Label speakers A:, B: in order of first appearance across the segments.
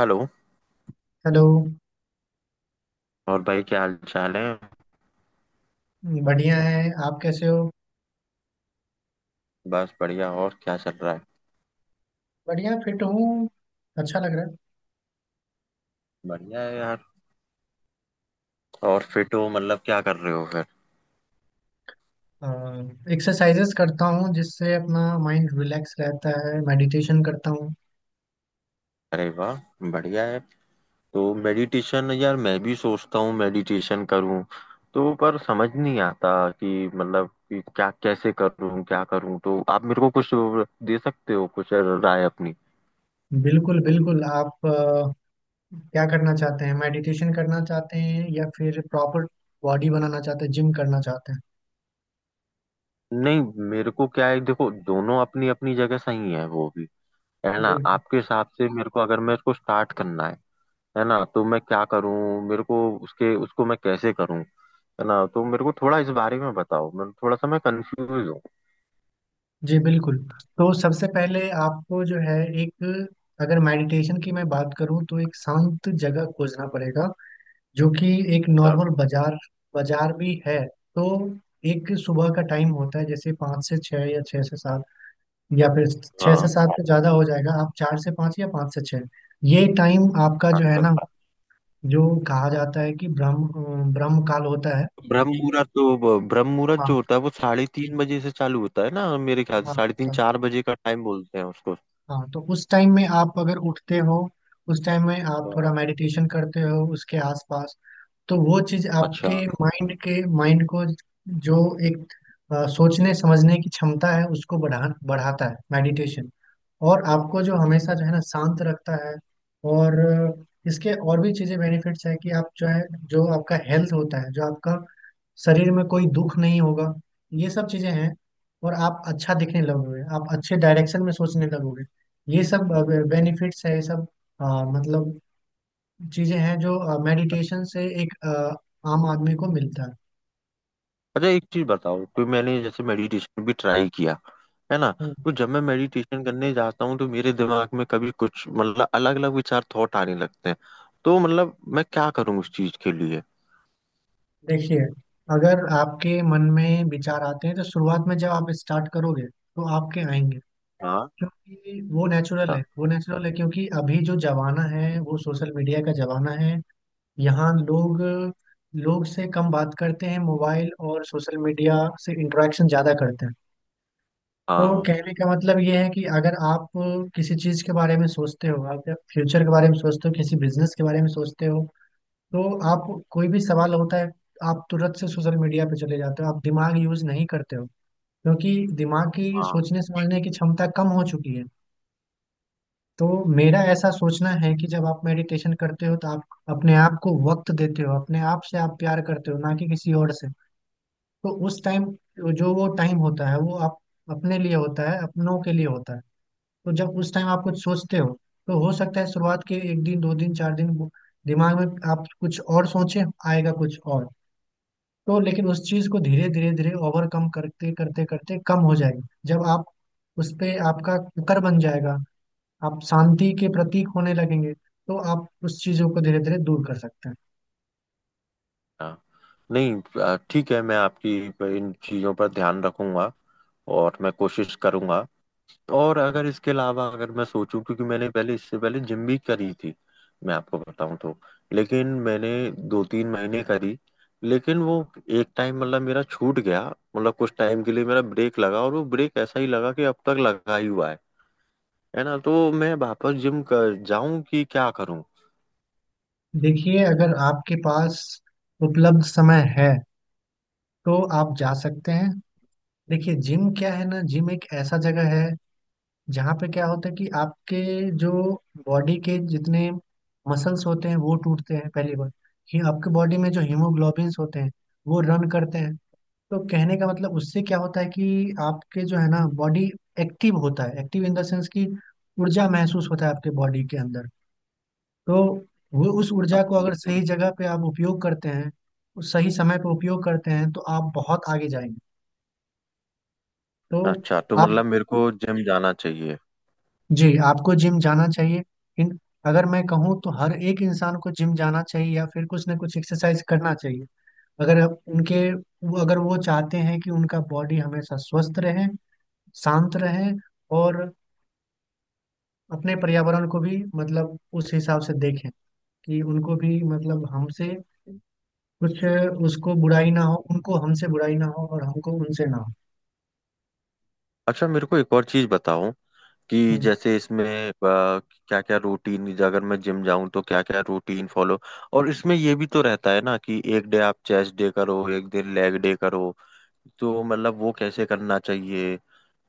A: Hello.
B: Hello.
A: और भाई क्या हाल चाल है।
B: बढ़िया है। आप कैसे हो?
A: बस बढ़िया। और क्या चल रहा है।
B: बढ़िया फिट हूँ। अच्छा लग रहा
A: बढ़िया है यार। और फिट हो मतलब क्या कर रहे हो फिर।
B: है। एक्सरसाइजेस करता हूँ, जिससे अपना माइंड रिलैक्स रहता है। मेडिटेशन करता हूँ।
A: अरे वाह। बढ़िया है। तो मेडिटेशन यार, मैं भी सोचता हूँ मेडिटेशन करूँ। तो पर समझ नहीं आता कि मतलब कि क्या कैसे करूँ, क्या करूँ। तो आप मेरे को कुछ दे सकते हो, कुछ राय अपनी।
B: बिल्कुल बिल्कुल, आप क्या करना चाहते हैं? मेडिटेशन करना चाहते हैं या फिर प्रॉपर बॉडी बनाना चाहते हैं, जिम करना चाहते
A: नहीं, मेरे को क्या है, देखो, दोनों अपनी अपनी जगह सही है, वो भी है
B: हैं?
A: ना।
B: बिल्कुल।
A: आपके हिसाब से मेरे को, अगर मैं इसको स्टार्ट करना है ना, तो मैं क्या करूं। मेरे को उसके उसको मैं कैसे करूं, है ना। तो मेरे को थोड़ा इस बारे में बताओ, मैं थोड़ा सा मैं कंफ्यूज हूँ।
B: जी बिल्कुल। तो सबसे पहले आपको जो है, एक, अगर मेडिटेशन की मैं बात करूँ तो एक शांत जगह खोजना पड़ेगा, जो कि एक
A: अच्छा।
B: नॉर्मल बाजार, बाजार भी है। तो एक सुबह का टाइम होता है, जैसे 5 से 6 या 6 से 7, या फिर छः से
A: हाँ,
B: सात तो ज़्यादा हो जाएगा, आप 4 से 5 या 5 से 6। ये टाइम आपका जो है ना, जो कहा जाता है कि ब्रह्म ब्रह्म काल होता है।
A: ब्रह्म मुहूर्त। तो ब्रह्म मुहूर्त
B: हाँ,
A: जो होता है वो 3:30 बजे से चालू होता है ना, मेरे ख्याल से।
B: हाँ,
A: साढ़े तीन
B: सर।
A: चार बजे का टाइम बोलते हैं उसको।
B: हाँ, तो उस टाइम में आप अगर उठते हो, उस टाइम में आप थोड़ा
A: हाँ।
B: मेडिटेशन करते हो उसके आसपास, तो वो चीज
A: अच्छा।
B: आपके माइंड के माइंड को, जो एक, सोचने समझने की क्षमता है, उसको बढ़ाता है मेडिटेशन। और आपको जो हमेशा, जो है ना, शांत रखता है। और इसके और भी चीजें बेनिफिट्स है कि आप जो है, जो आपका हेल्थ होता है, जो आपका शरीर में कोई दुख नहीं होगा। ये सब चीजें हैं। और आप अच्छा दिखने लगोगे, आप अच्छे डायरेक्शन में सोचने लगोगे। ये सब बेनिफिट्स है, ये सब अ, मतलब चीजें हैं जो मेडिटेशन से एक आम आदमी को मिलता है।
A: अच्छा, एक चीज बताओ कि मैंने जैसे मेडिटेशन भी ट्राई किया, है ना,
B: हम्म।
A: तो जब मैं मेडिटेशन करने जाता हूँ तो मेरे दिमाग में कभी कुछ मतलब अलग अलग विचार, थॉट आने लगते हैं। तो मतलब मैं क्या करूँ उस चीज के लिए।
B: देखिए, अगर आपके मन में विचार आते हैं, तो शुरुआत में जब आप स्टार्ट करोगे तो आपके आएंगे। क्योंकि वो नेचुरल
A: हाँ।
B: है, वो नेचुरल है, क्योंकि अभी जो जमाना है वो सोशल मीडिया का जमाना है। यहाँ लोग लोग से कम बात करते हैं, मोबाइल और सोशल मीडिया से इंटरेक्शन ज़्यादा करते हैं। तो
A: हाँ।
B: कहने का मतलब ये है कि अगर आप किसी चीज के बारे में सोचते हो, आप फ्यूचर के बारे में सोचते हो, किसी बिजनेस के बारे में सोचते हो, तो आप, कोई भी सवाल होता है, आप तुरंत से सोशल मीडिया पे चले जाते हो, आप दिमाग यूज नहीं करते हो। क्योंकि दिमाग की सोचने समझने की क्षमता कम हो चुकी है। तो मेरा ऐसा सोचना है कि जब आप मेडिटेशन करते हो तो आप अपने आप को वक्त देते हो, अपने आप से आप प्यार करते हो, ना कि किसी और से। तो उस टाइम, जो वो टाइम होता है, वो आप अपने लिए होता है, अपनों के लिए होता है। तो जब उस टाइम आप कुछ सोचते हो तो हो सकता है शुरुआत के एक दिन, दो दिन, चार दिन, वो दिमाग में आप कुछ और सोचे, आएगा कुछ और। तो लेकिन उस चीज को धीरे धीरे धीरे ओवरकम करते करते करते कम हो जाएगी, जब आप उस पे आपका कुकर बन जाएगा, आप शांति के प्रतीक होने लगेंगे, तो आप उस चीजों को धीरे धीरे दूर कर सकते हैं।
A: हाँ। नहीं, ठीक है, मैं आपकी इन चीज़ों पर ध्यान रखूंगा। और मैं कोशिश करूंगा। और अगर इसके अलावा, अगर मैं सोचूं, क्योंकि मैंने पहले, इससे पहले जिम भी करी थी, मैं आपको बताऊं तो। लेकिन मैंने दो तीन महीने करी। लेकिन वो एक टाइम मतलब मेरा छूट गया। मतलब कुछ टाइम के लिए मेरा ब्रेक लगा, और वो ब्रेक ऐसा ही लगा कि अब तक लगा ही हुआ है ना। तो मैं वापस जिम कर जाऊं कि क्या करूं।
B: देखिए, अगर आपके पास उपलब्ध समय है तो आप जा सकते हैं। देखिए जिम क्या है ना, जिम एक ऐसा जगह है जहाँ पे क्या होता है कि आपके जो बॉडी के जितने मसल्स होते हैं वो टूटते हैं पहली बार। ये आपके बॉडी में जो हीमोग्लोबिन्स होते हैं, वो रन करते हैं। तो कहने का मतलब, उससे क्या होता है कि आपके जो है ना बॉडी एक्टिव होता है, एक्टिव इन द सेंस कि ऊर्जा महसूस होता है आपके बॉडी के अंदर। तो वो, उस
A: हाँ,
B: ऊर्जा को अगर सही
A: बिल्कुल।
B: जगह पे आप उपयोग करते हैं, उस सही समय पे उपयोग करते हैं, तो आप बहुत आगे जाएंगे। तो
A: अच्छा, तो
B: आप,
A: मतलब मेरे को जिम जाना चाहिए।
B: जी आपको जिम जाना चाहिए। इन, अगर मैं कहूँ तो हर एक इंसान को जिम जाना चाहिए, या फिर कुछ ना कुछ एक्सरसाइज करना चाहिए, अगर आप उनके वो, अगर वो चाहते हैं कि उनका बॉडी हमेशा स्वस्थ रहे, शांत रहे, और अपने पर्यावरण को भी, मतलब उस हिसाब से देखें, कि उनको भी, मतलब हमसे कुछ, उसको बुराई ना हो, उनको हमसे बुराई ना हो, और हमको उनसे ना हो।
A: अच्छा, मेरे को एक और चीज बताओ कि
B: हम्म,
A: जैसे इसमें क्या क्या रूटीन, अगर मैं जिम जाऊं तो क्या क्या रूटीन फॉलो। और इसमें ये भी तो रहता है ना कि एक डे आप चेस्ट डे करो, एक दिन लेग डे करो। तो मतलब वो कैसे करना चाहिए,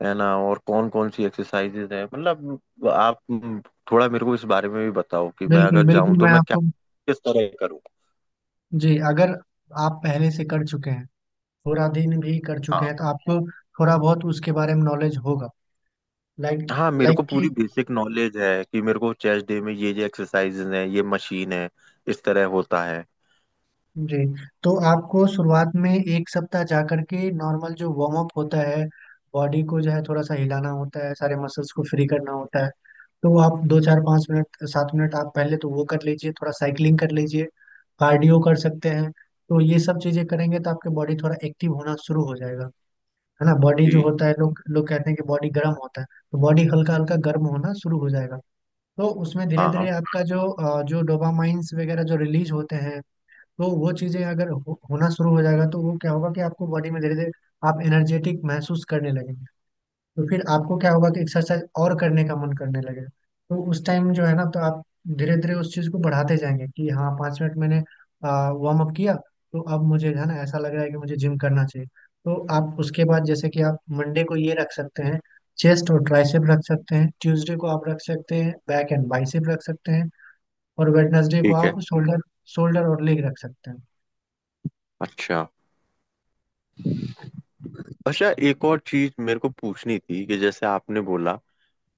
A: है ना। और कौन कौन सी एक्सरसाइजेज है, मतलब आप, थोड़ा मेरे को इस बारे में भी बताओ कि मैं
B: बिल्कुल
A: अगर
B: बिल्कुल।
A: जाऊं तो
B: मैं
A: मैं क्या,
B: आपको,
A: किस तरह करूँ।
B: जी, अगर आप पहले से कर चुके हैं, पूरा दिन भी कर चुके हैं,
A: हाँ।
B: तो आपको थोड़ा बहुत उसके बारे में नॉलेज होगा। लाइक
A: हाँ, मेरे
B: लाइक
A: को
B: कि,
A: पूरी बेसिक नॉलेज है कि मेरे को चेस्ट डे में ये एक्सरसाइजेज है, ये मशीन है, इस तरह होता है।
B: जी। तो आपको शुरुआत में एक सप्ताह जा करके नॉर्मल जो वार्म अप होता है, बॉडी को जो है थोड़ा सा हिलाना होता है, सारे मसल्स को फ्री करना होता है। तो वो आप दो, चार, पाँच मिनट, 7 मिनट आप पहले तो वो कर लीजिए, थोड़ा साइकिलिंग कर लीजिए, कार्डियो कर सकते हैं। तो ये सब चीज़ें करेंगे तो आपके बॉडी थोड़ा एक्टिव होना शुरू हो जाएगा। है ना, बॉडी जो
A: जी।
B: होता है, लोग लोग कहते हैं कि बॉडी गर्म होता है। तो बॉडी हल्का हल्का गर्म होना शुरू हो जाएगा। तो उसमें धीरे धीरे
A: हाँ।
B: आपका जो जो डोपामाइंस वगैरह जो रिलीज होते हैं, तो वो चीज़ें अगर होना शुरू हो जाएगा, तो वो क्या होगा कि आपको बॉडी में धीरे धीरे आप एनर्जेटिक महसूस करने लगेंगे। तो फिर आपको क्या होगा कि एक्सरसाइज और करने का मन करने लगेगा। तो उस टाइम जो है ना, तो आप धीरे धीरे उस चीज को बढ़ाते जाएंगे कि हाँ, 5 मिनट मैंने वार्म अप किया, तो अब मुझे जो है ना ऐसा लग रहा है कि मुझे जिम करना चाहिए। तो आप उसके बाद, जैसे कि आप मंडे को ये रख सकते हैं, चेस्ट और ट्राइसेप रख सकते हैं, ट्यूसडे को आप रख सकते हैं बैक एंड बाइसेप रख सकते हैं, और वेडनेसडे को
A: ठीक है।
B: आप शोल्डर, शोल्डर और लेग रख सकते हैं।
A: अच्छा। अच्छा, एक और चीज मेरे को पूछनी थी कि जैसे आपने बोला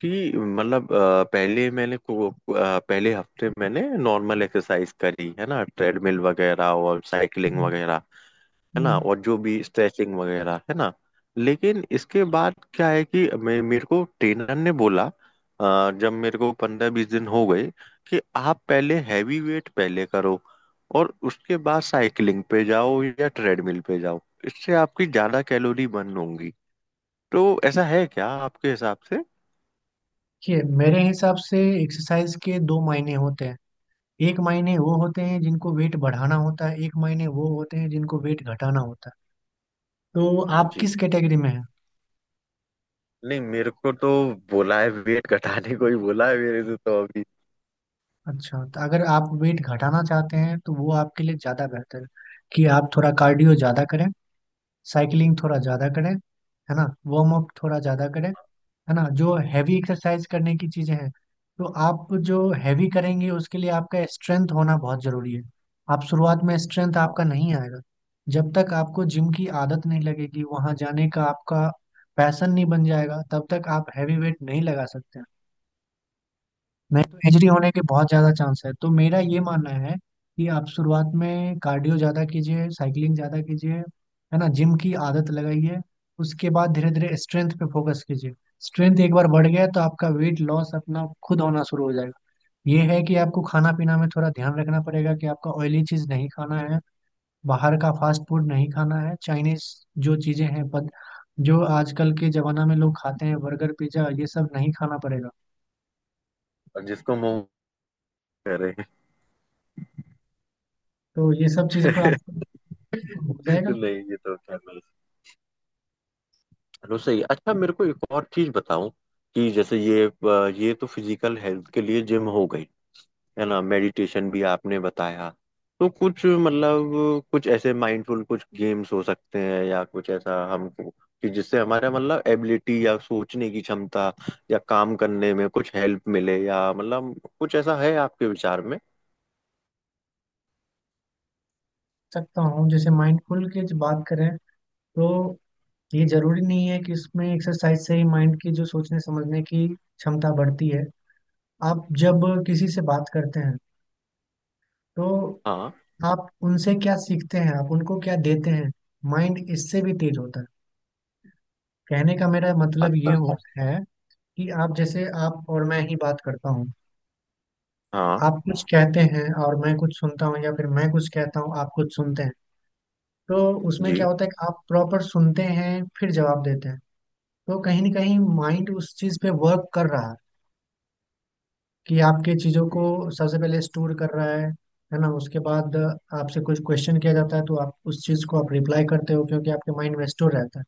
A: कि मतलब, पहले पहले हफ्ते मैंने नॉर्मल एक्सरसाइज करी, है ना, ट्रेडमिल वगैरह और साइकिलिंग
B: हम्म,
A: वगैरह, है ना।
B: हम्म।
A: और जो भी स्ट्रेचिंग वगैरह, है ना। लेकिन इसके बाद क्या है कि मैं, मेरे को ट्रेनर ने बोला, जब मेरे को पंद्रह बीस दिन हो गए, कि आप पहले हैवी वेट पहले करो और उसके बाद साइकिलिंग पे जाओ या ट्रेडमिल पे जाओ, इससे आपकी ज्यादा कैलोरी बर्न होंगी। तो ऐसा है क्या आपके हिसाब से।
B: देखिए, मेरे हिसाब से एक्सरसाइज के दो मायने होते हैं, एक मायने वो होते हैं जिनको वेट बढ़ाना होता है, एक मायने वो होते हैं जिनको वेट घटाना होता है। तो आप
A: जी।
B: किस कैटेगरी में हैं?
A: नहीं, मेरे को तो बोला है, वेट घटाने को ही बोला है मेरे से तो अभी।
B: अच्छा, तो अगर आप वेट घटाना चाहते हैं तो वो आपके लिए ज़्यादा बेहतर है कि आप थोड़ा कार्डियो ज़्यादा करें, साइकिलिंग थोड़ा ज़्यादा करें, है ना, वार्म अप थोड़ा ज़्यादा करें। है ना, जो हैवी एक्सरसाइज करने की चीजें हैं, तो आप जो हैवी करेंगे उसके लिए आपका स्ट्रेंथ होना बहुत जरूरी है। आप शुरुआत में स्ट्रेंथ
A: हाँ,
B: आपका नहीं आएगा, जब तक आपको जिम की आदत नहीं लगेगी, वहां जाने का आपका पैशन नहीं बन जाएगा, तब तक आप हैवी वेट नहीं लगा सकते। नहीं तो एजरी होने के बहुत ज़्यादा चांस है। तो मेरा ये मानना है कि आप शुरुआत में कार्डियो ज़्यादा कीजिए, साइकिलिंग ज़्यादा कीजिए, है ना, जिम की आदत लगाइए, उसके बाद धीरे धीरे स्ट्रेंथ पे फोकस कीजिए। स्ट्रेंथ एक बार बढ़ गया तो आपका वेट लॉस अपना खुद होना शुरू हो जाएगा। ये है कि आपको खाना पीना में थोड़ा ध्यान रखना पड़ेगा, कि आपका ऑयली चीज़ नहीं खाना है, बाहर का फास्ट फूड नहीं खाना है, चाइनीज जो चीज़ें हैं पद, जो आजकल के ज़माना में लोग खाते हैं, बर्गर, पिज्ज़ा, ये सब नहीं खाना पड़ेगा।
A: अब जिसको मुंह करे।
B: तो ये सब चीज़ें पर आप हो जाएगा।
A: नहीं, ये तो क्या रसोई। अच्छा, मेरे को एक और चीज बताओ कि जैसे ये, ये तो फिजिकल हेल्थ के लिए जिम हो गई, है ना। मेडिटेशन भी आपने बताया। तो कुछ मतलब कुछ ऐसे माइंडफुल कुछ गेम्स हो सकते हैं या कुछ ऐसा हमको, कि जिससे हमारा मतलब एबिलिटी या सोचने की क्षमता या काम करने में कुछ हेल्प मिले, या मतलब कुछ ऐसा है आपके विचार में।
B: सकता हूँ, जैसे माइंडफुल की जो बात करें, तो ये जरूरी नहीं है कि इसमें एक्सरसाइज से ही माइंड की जो सोचने समझने की क्षमता बढ़ती है। आप जब किसी से बात करते हैं, तो
A: हाँ।
B: आप उनसे क्या सीखते हैं, आप उनको क्या देते हैं, माइंड इससे भी तेज होता है। कहने का मेरा मतलब ये
A: अच्छा।
B: हो है, कि आप, जैसे आप और मैं ही बात करता हूँ,
A: हाँ।
B: आप कुछ कहते हैं और मैं कुछ सुनता हूँ, या फिर मैं कुछ कहता हूँ आप कुछ सुनते हैं। तो उसमें क्या
A: जी।
B: होता है कि आप प्रॉपर सुनते हैं, फिर जवाब देते हैं। तो कहीं ना कहीं माइंड उस चीज पे वर्क कर रहा है, कि आपके चीजों को सबसे पहले स्टोर कर रहा है। है ना, उसके बाद आपसे कुछ क्वेश्चन किया जाता है, तो आप उस चीज को आप रिप्लाई करते हो, क्योंकि आपके माइंड में स्टोर रहता है।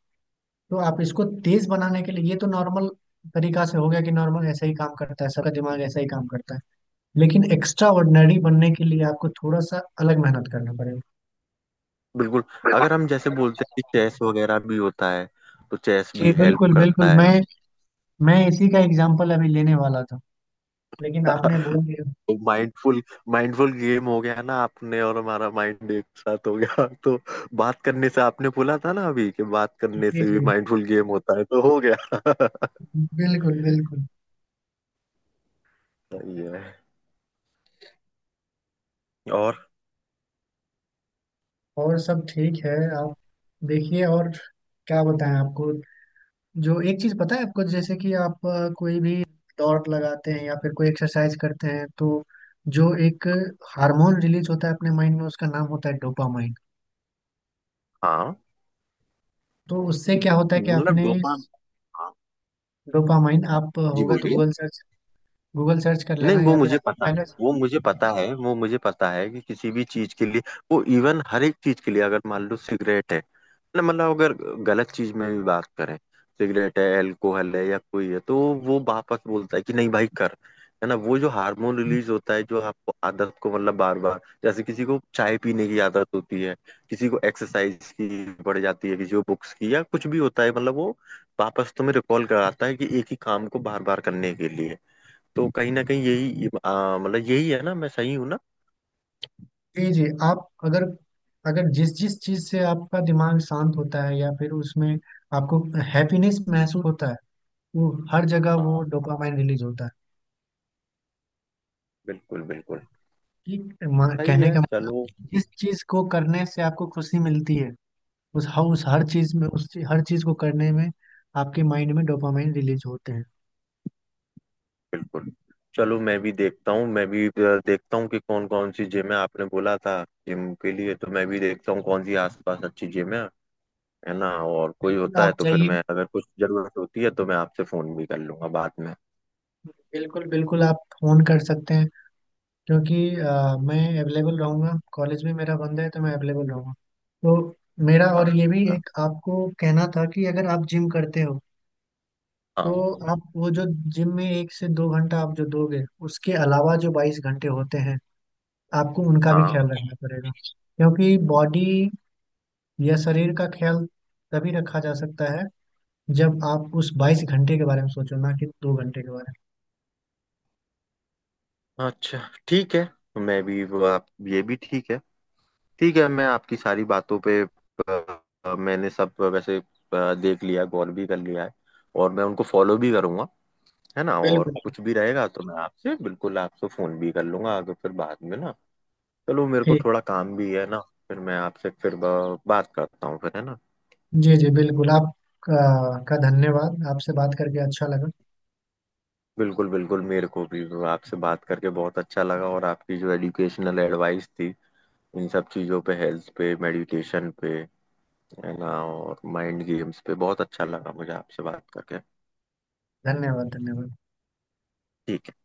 B: तो आप इसको तेज बनाने के लिए, ये तो नॉर्मल तरीका से हो गया, कि नॉर्मल ऐसा ही काम करता है, सबका दिमाग ऐसा ही काम करता है। लेकिन एक्स्ट्रा ऑर्डिनरी बनने के लिए आपको थोड़ा सा अलग मेहनत करना पड़ेगा।
A: बिल्कुल।
B: बिल्कुल।
A: अगर हम जैसे बोलते हैं कि चेस वगैरह भी होता है, तो चेस
B: जी
A: भी हेल्प
B: बिल्कुल बिल्कुल,
A: करता है।
B: मैं इसी का एग्जाम्पल अभी लेने वाला था लेकिन आपने बोल दिया।
A: माइंडफुल, माइंडफुल गेम हो गया ना आपने, और हमारा माइंड एक साथ हो गया, तो बात करने से, आपने बोला था ना अभी कि बात करने
B: जी
A: से भी
B: जी,
A: माइंडफुल गेम होता है, तो हो गया।
B: बिल्कुल बिल्कुल।
A: सही है। और,
B: और सब ठीक है। आप, देखिए, और क्या बताएं आपको, जो एक चीज पता है आपको, जैसे कि आप कोई भी दौड़ लगाते हैं या फिर कोई एक्सरसाइज करते हैं, तो जो एक हार्मोन रिलीज होता है अपने माइंड में, उसका नाम होता है डोपामाइन।
A: हाँ।
B: तो उससे क्या होता है कि
A: मतलब
B: आपने,
A: डोपाम हाँ।
B: डोपामाइन आप
A: जी,
B: होगा तो
A: बोलिए।
B: गूगल सर्च, गूगल सर्च कर
A: नहीं,
B: लेना,
A: वो
B: या फिर
A: मुझे
B: आपको
A: पता,
B: पहले,
A: वो मुझे पता है, वो मुझे पता है कि किसी भी चीज के लिए, वो इवन हर एक चीज के लिए, अगर मान लो सिगरेट है ना, मतलब अगर गलत चीज में भी बात करें, सिगरेट है, एल्कोहल है या कोई है, तो वो वापस बोलता है कि नहीं भाई कर। है ना, वो जो हार्मोन रिलीज होता है, जो आपको आदत को मतलब बार बार, जैसे किसी को चाय पीने की आदत होती है, किसी को एक्सरसाइज की पड़ जाती है, किसी को बुक्स की, या कुछ भी होता है मतलब, वो वापस तुम्हें रिकॉल कराता है कि एक ही काम को बार बार करने के लिए। तो कहीं ना कहीं यही मतलब, यही है ना, मैं सही हूँ ना।
B: जी जी आप, अगर, अगर जिस जिस चीज से आपका दिमाग शांत होता है या फिर उसमें आपको हैप्पीनेस महसूस होता है, वो हर जगह वो
A: हाँ,
B: डोपामाइन रिलीज होता है।
A: बिल्कुल बिल्कुल।
B: कि
A: सही
B: कहने
A: है,
B: का
A: चलो।
B: मतलब, जिस चीज को करने से आपको खुशी मिलती है, उस हर चीज में, हर चीज को करने में आपके माइंड में डोपामाइन रिलीज होते हैं।
A: बिल्कुल। चलो, मैं भी देखता हूँ, मैं भी देखता हूँ कि कौन कौन सी जिम है, आपने बोला था। जिम के लिए तो मैं भी देखता हूँ कौन सी आसपास अच्छी जिम है ना। और कोई
B: बिल्कुल,
A: होता है
B: आप
A: तो फिर
B: जाइए।
A: मैं, अगर कुछ जरूरत होती है तो मैं आपसे फोन भी कर लूंगा बाद में।
B: बिल्कुल बिल्कुल, आप फोन कर सकते हैं, क्योंकि मैं अवेलेबल रहूँगा, कॉलेज भी मेरा बंद है तो मैं अवेलेबल रहूँगा। तो मेरा,
A: हाँ,
B: और ये
A: अच्छा
B: भी
A: अच्छा।
B: एक आपको कहना था, कि अगर आप जिम करते हो, तो
A: हाँ।
B: आप वो जो जिम में 1 से 2 घंटा आप जो दोगे, उसके अलावा जो 22 घंटे होते हैं, आपको उनका भी
A: हाँ।
B: ख्याल रखना पड़ेगा। क्योंकि बॉडी या शरीर का ख्याल तभी रखा जा सकता है जब आप उस 22 घंटे के बारे में सोचो, ना कि 2 घंटे के बारे में।
A: अच्छा। ठीक है। मैं भी, वो आप ये भी ठीक है। ठीक है, मैं आपकी सारी बातों पे, मैंने सब वैसे देख लिया, गौर भी कर लिया है। और मैं उनको फॉलो भी करूंगा, है ना। और
B: बिल्कुल।
A: कुछ भी रहेगा तो मैं आपसे, बिल्कुल आपसे फोन भी कर लूंगा आगे फिर बाद में ना। चलो, मेरे को
B: ठीक।
A: थोड़ा काम भी है ना। फिर मैं आपसे फिर बात करता हूँ फिर, है ना।
B: जी जी बिल्कुल। आप का धन्यवाद, आपसे बात करके अच्छा लगा।
A: बिल्कुल बिल्कुल। मेरे को भी आपसे बात करके बहुत अच्छा लगा, और आपकी जो एजुकेशनल एडवाइस थी इन सब चीज़ों पे, हेल्थ पे, मेडिटेशन पे, है ना, और माइंड गेम्स पे, बहुत अच्छा लगा मुझे आपसे बात करके।
B: धन्यवाद, धन्यवाद।
A: ठीक है।